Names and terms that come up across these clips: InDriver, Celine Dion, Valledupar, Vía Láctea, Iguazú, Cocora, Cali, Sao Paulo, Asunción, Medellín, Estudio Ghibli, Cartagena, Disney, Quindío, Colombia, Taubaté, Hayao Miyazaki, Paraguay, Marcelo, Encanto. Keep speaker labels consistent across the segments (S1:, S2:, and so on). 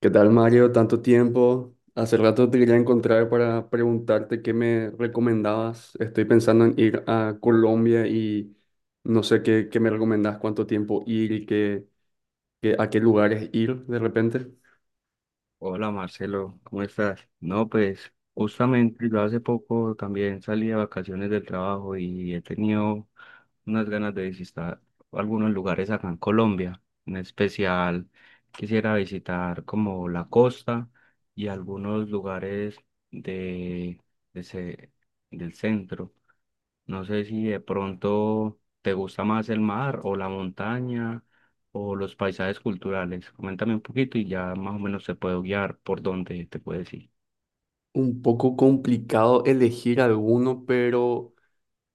S1: ¿Qué tal, Mario? Tanto tiempo. Hace rato te quería encontrar para preguntarte qué me recomendabas. Estoy pensando en ir a Colombia y no sé qué me recomendás, cuánto tiempo ir y a qué lugares ir de repente.
S2: Hola, Marcelo, ¿cómo estás? No, pues justamente yo hace poco también salí de vacaciones del trabajo y he tenido unas ganas de visitar algunos lugares acá en Colombia. En especial quisiera visitar como la costa y algunos lugares de, de ce- del centro. No sé si de pronto te gusta más el mar o la montaña o los paisajes culturales. Coméntame un poquito y ya más o menos te puedo guiar por dónde te puedes ir.
S1: Un poco complicado elegir alguno, pero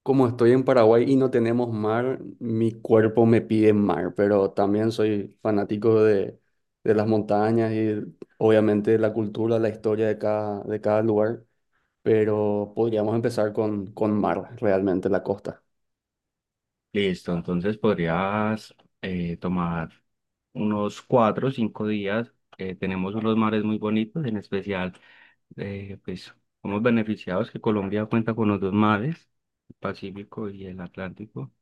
S1: como estoy en Paraguay y no tenemos mar, mi cuerpo me pide mar, pero también soy fanático de las montañas y obviamente la cultura, la historia de de cada lugar. Pero podríamos empezar con mar, realmente la costa.
S2: Listo, entonces podrías tomar unos 4 o 5 días. Tenemos unos mares muy bonitos, en especial, pues somos beneficiados que Colombia cuenta con los dos mares, el Pacífico y el Atlántico.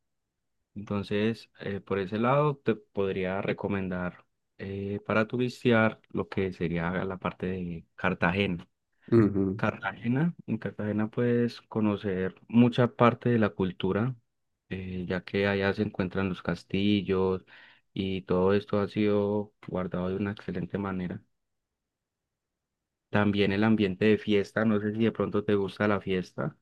S2: Entonces, por ese lado, te podría recomendar para turistear lo que sería la parte de Cartagena.
S1: Ujú.
S2: Cartagena, en Cartagena puedes conocer mucha parte de la cultura, ya que allá se encuentran los castillos y todo esto ha sido guardado de una excelente manera. También el ambiente de fiesta, no sé si de pronto te gusta la fiesta.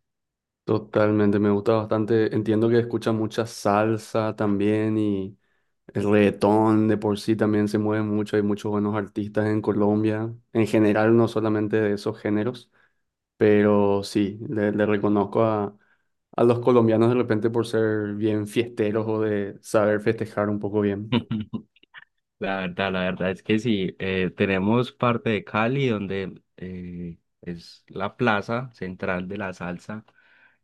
S1: Totalmente, me gusta bastante. Entiendo que escucha mucha salsa también y el reggaetón de por sí también se mueve mucho. Hay muchos buenos artistas en Colombia, en general, no solamente de esos géneros, pero sí, le reconozco a los colombianos de repente por ser bien fiesteros o de saber festejar un poco bien.
S2: La verdad es que sí, tenemos parte de Cali donde es la plaza central de la salsa,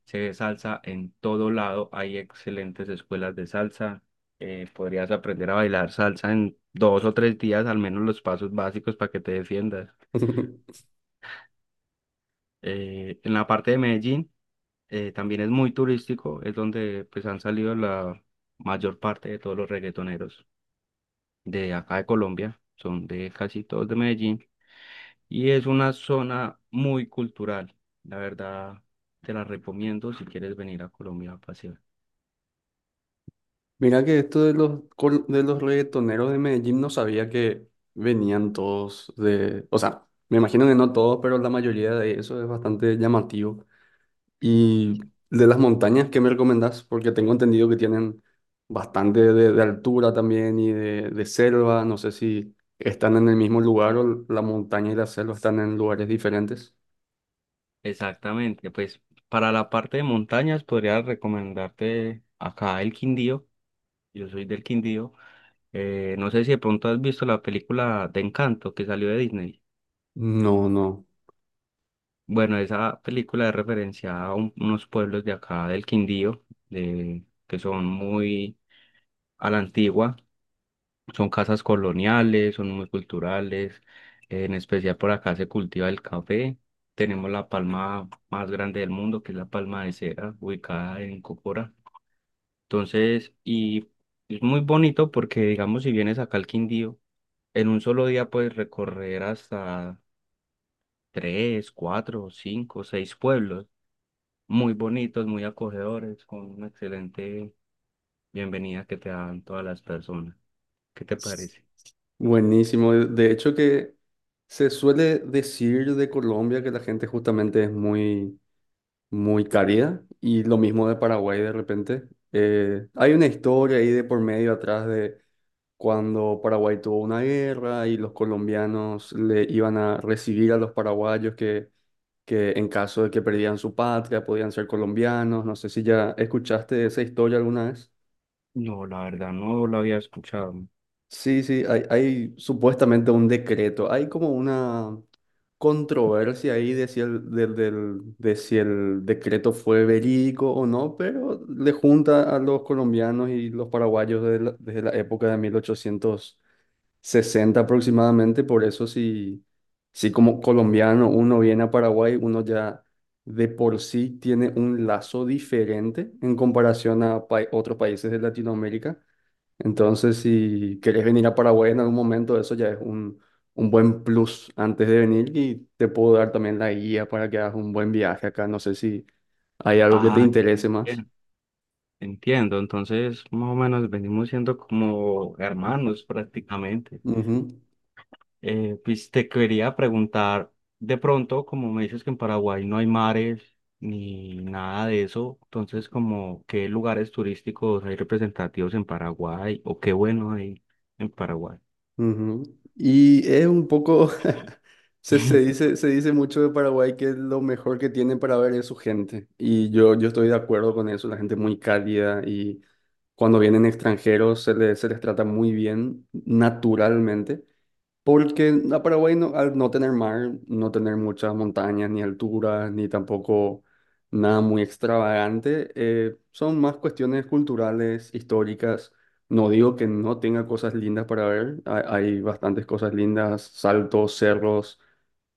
S2: se ve salsa en todo lado, hay excelentes escuelas de salsa, podrías aprender a bailar salsa en 2 o 3 días, al menos los pasos básicos para que te defiendas. En la parte de Medellín también es muy turístico, es donde pues han salido la mayor parte de todos los reggaetoneros de acá de Colombia, son de casi todos de Medellín. Y es una zona muy cultural. La verdad, te la recomiendo si quieres venir a Colombia a pasear.
S1: Mira que esto de de los reggaetoneros de Medellín no sabía que venían todos de... O sea, me imagino que no todos, pero la mayoría de eso es bastante llamativo. Y de las montañas, ¿qué me recomendás? Porque tengo entendido que tienen bastante de altura también y de selva. No sé si están en el mismo lugar o la montaña y la selva están en lugares diferentes.
S2: Exactamente, pues para la parte de montañas podría recomendarte acá el Quindío. Yo soy del Quindío. No sé si de pronto has visto la película de Encanto que salió de Disney.
S1: No, no.
S2: Bueno, esa película es referencia a unos pueblos de acá del Quindío, de, que son muy a la antigua. Son casas coloniales, son muy culturales, en especial por acá se cultiva el café. Tenemos la palma más grande del mundo, que es la palma de cera, ubicada en Cocora. Entonces, y es muy bonito porque, digamos, si vienes acá al Quindío, en un solo día puedes recorrer hasta tres, cuatro, cinco, seis pueblos, muy bonitos, muy acogedores, con una excelente bienvenida que te dan todas las personas. ¿Qué te parece?
S1: Buenísimo. De hecho que se suele decir de Colombia que la gente justamente es muy cálida y lo mismo de Paraguay de repente. Hay una historia ahí de por medio atrás de cuando Paraguay tuvo una guerra y los colombianos le iban a recibir a los paraguayos que en caso de que perdían su patria podían ser colombianos. No sé si ya escuchaste esa historia alguna.
S2: No, la verdad no lo había escuchado.
S1: Sí, sí, hay supuestamente un decreto. Hay como una controversia ahí de si el, del- del- de si el decreto fue verídico o no, pero le junta a los colombianos y los paraguayos desde desde la época de 1860 aproximadamente. Por eso si como colombiano uno viene a Paraguay, uno ya de por sí tiene un lazo diferente en comparación a otros países de Latinoamérica. Entonces, si querés venir a Paraguay en algún momento, eso ya es un buen plus antes de venir y te puedo dar también la guía para que hagas un buen viaje acá. No sé si hay algo que te
S2: Ah,
S1: interese más.
S2: bien, entiendo. Entonces, más o menos venimos siendo como hermanos prácticamente.
S1: Ujú,
S2: Pues te quería preguntar, de pronto, como me dices que en Paraguay no hay mares ni nada de eso, entonces, como qué lugares turísticos hay representativos en Paraguay o qué bueno hay en Paraguay.
S1: ujú. Y es un poco, se dice mucho de Paraguay que lo mejor que tiene para ver es su gente. Y yo estoy de acuerdo con eso, la gente es muy cálida y cuando vienen extranjeros se se les trata muy bien naturalmente. Porque a Paraguay, al no tener mar, no tener muchas montañas, ni alturas, ni tampoco nada muy extravagante, son más cuestiones culturales, históricas. No digo que no tenga cosas lindas para ver, hay bastantes cosas lindas, saltos, cerros,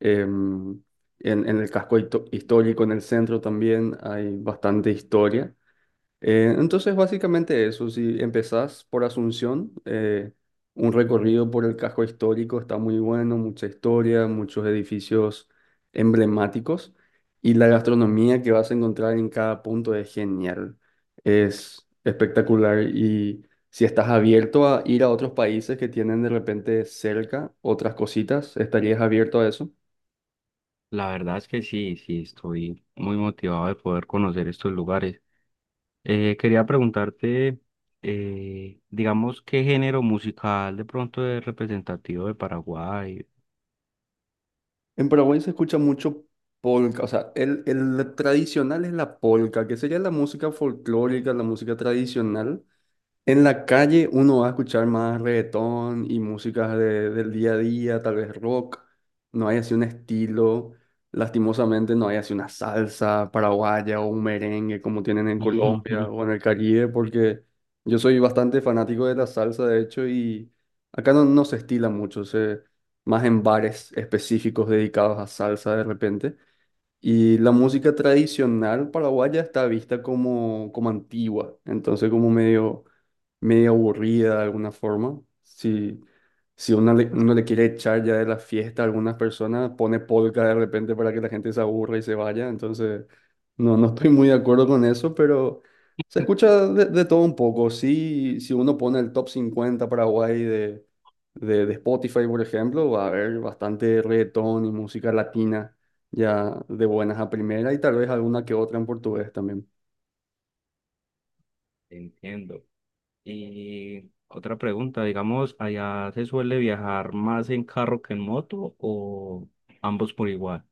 S1: em, en el histórico, en el centro también hay bastante historia. Entonces, básicamente eso, si empezás por Asunción, un recorrido por el casco histórico está muy bueno, mucha historia, muchos edificios emblemáticos y la gastronomía que vas a encontrar en cada punto es genial, es espectacular y si estás abierto a ir a otros países que tienen de repente cerca otras cositas, ¿estarías abierto a eso?
S2: La verdad es que sí, sí, estoy muy motivado de poder conocer estos lugares. Quería preguntarte, digamos, ¿qué género musical de pronto es representativo de Paraguay?
S1: En Paraguay se escucha mucho polka, o sea, el tradicional es la polka, que sería la música folclórica, la música tradicional, en la calle uno va a escuchar más reggaetón y músicas del día a día, tal vez rock. No hay así un estilo, lastimosamente no hay así una salsa paraguaya o un merengue como tienen en
S2: Ujú.
S1: Colombia o en el Caribe, porque yo soy bastante fanático de la salsa, de hecho, y acá no, no se estila mucho, se, más en bares específicos dedicados a salsa de repente. Y la música tradicional paraguaya está vista como, como antigua, entonces como medio, medio aburrida de alguna forma. Si, si uno uno le quiere echar ya de la fiesta a algunas personas, pone polka de repente para que la gente se aburra y se vaya. Entonces, no, no estoy muy de acuerdo con eso, pero se escucha de todo un poco. Sí, si uno pone el top 50 Paraguay de Spotify, por ejemplo, va a haber bastante reggaetón y música latina ya de buenas a primera y tal vez alguna que otra en portugués también.
S2: Entiendo. Y otra pregunta, digamos, ¿allá se suele viajar más en carro que en moto o ambos por igual?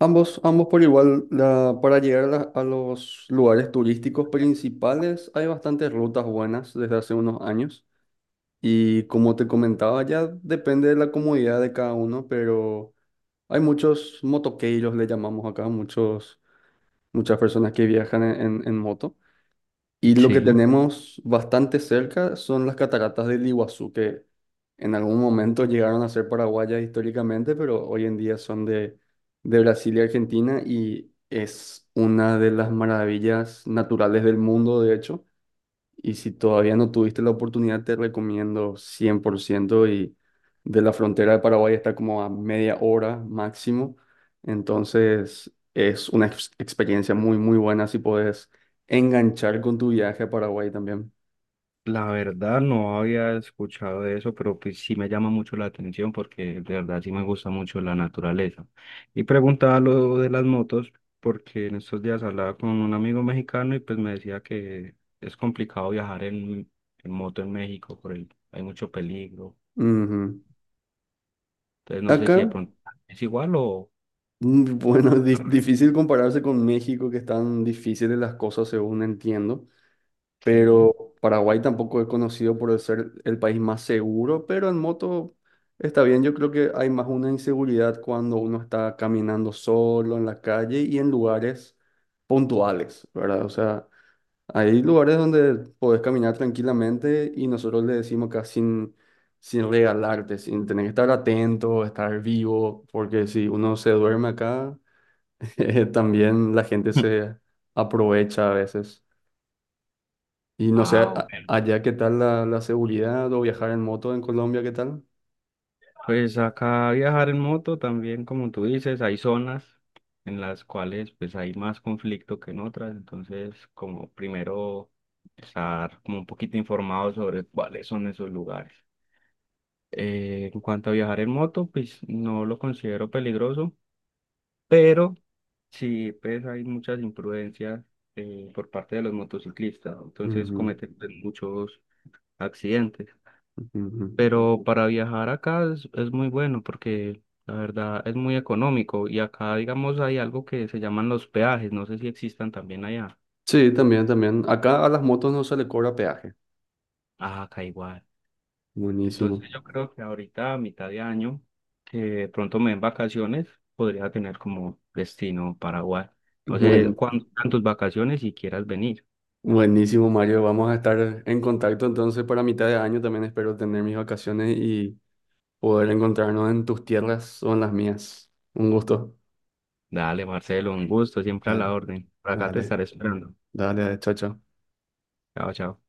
S1: Ambos, ambos por igual, para llegar a, a los lugares turísticos principales hay bastantes rutas buenas desde hace unos años y como te comentaba ya depende de la comodidad de cada uno, pero hay muchos motoqueiros, le llamamos acá, muchos, muchas personas que viajan en moto. Y lo que
S2: Sí.
S1: tenemos bastante cerca son las cataratas del Iguazú, que en algún momento llegaron a ser paraguayas históricamente, pero hoy en día son de Brasil y Argentina y es una de las maravillas naturales del mundo, de hecho. Y si todavía no tuviste la oportunidad, te recomiendo 100% y de la frontera de Paraguay está como a media hora máximo. Entonces es una experiencia muy buena si puedes enganchar con tu viaje a Paraguay también.
S2: La verdad no había escuchado de eso, pero pues sí me llama mucho la atención porque de verdad sí me gusta mucho la naturaleza. Y preguntaba lo de las motos porque en estos días hablaba con un amigo mexicano y pues me decía que es complicado viajar en moto en México, por el, hay mucho peligro.
S1: Ujú.
S2: Entonces no sé si de
S1: Acá,
S2: pronto es igual o...
S1: bueno, difícil compararse con México, que están difíciles las cosas según entiendo.
S2: Sí.
S1: Pero Paraguay tampoco es conocido por ser el país más seguro, pero en moto está bien. Yo creo que hay más una inseguridad cuando uno está caminando solo en la calle y en lugares puntuales, ¿verdad? O sea, hay lugares donde podés caminar tranquilamente y nosotros le decimos acá sin regalarte, sin tener que estar atento, estar vivo, porque si uno se duerme acá, también la gente se aprovecha a veces. Y no sé,
S2: Ah, ok.
S1: allá qué tal la seguridad o viajar en moto en Colombia, ¿qué tal?
S2: Pues acá viajar en moto también, como tú dices, hay zonas en las cuales pues hay más conflicto que en otras, entonces como primero estar como un poquito informado sobre cuáles son esos lugares. En cuanto a viajar en moto, pues no lo considero peligroso, pero sí pues hay muchas imprudencias por parte de los motociclistas, entonces
S1: Ujú,
S2: cometen pues, muchos accidentes.
S1: ujú.
S2: Pero para viajar acá es muy bueno porque la verdad es muy económico y acá, digamos, hay algo que se llaman los peajes, no sé si existan también allá.
S1: Sí, también, también. Acá a las motos no se le cobra peaje.
S2: Ah, acá igual. Entonces
S1: Buenísimo.
S2: yo creo que ahorita a mitad de año, que de pronto me den vacaciones, podría tener como destino Paraguay. No sé
S1: Buen,
S2: cuántas tus vacaciones si quieras venir.
S1: buenísimo, Mario. Vamos a estar en contacto entonces para mitad de año. También espero tener mis vacaciones y poder encontrarnos en tus tierras o en las mías. Un gusto.
S2: Dale, Marcelo, un gusto, siempre a la
S1: Dale,
S2: orden. Por acá te
S1: dale,
S2: estaré esperando.
S1: dale, chao, chao.
S2: Chao, chao.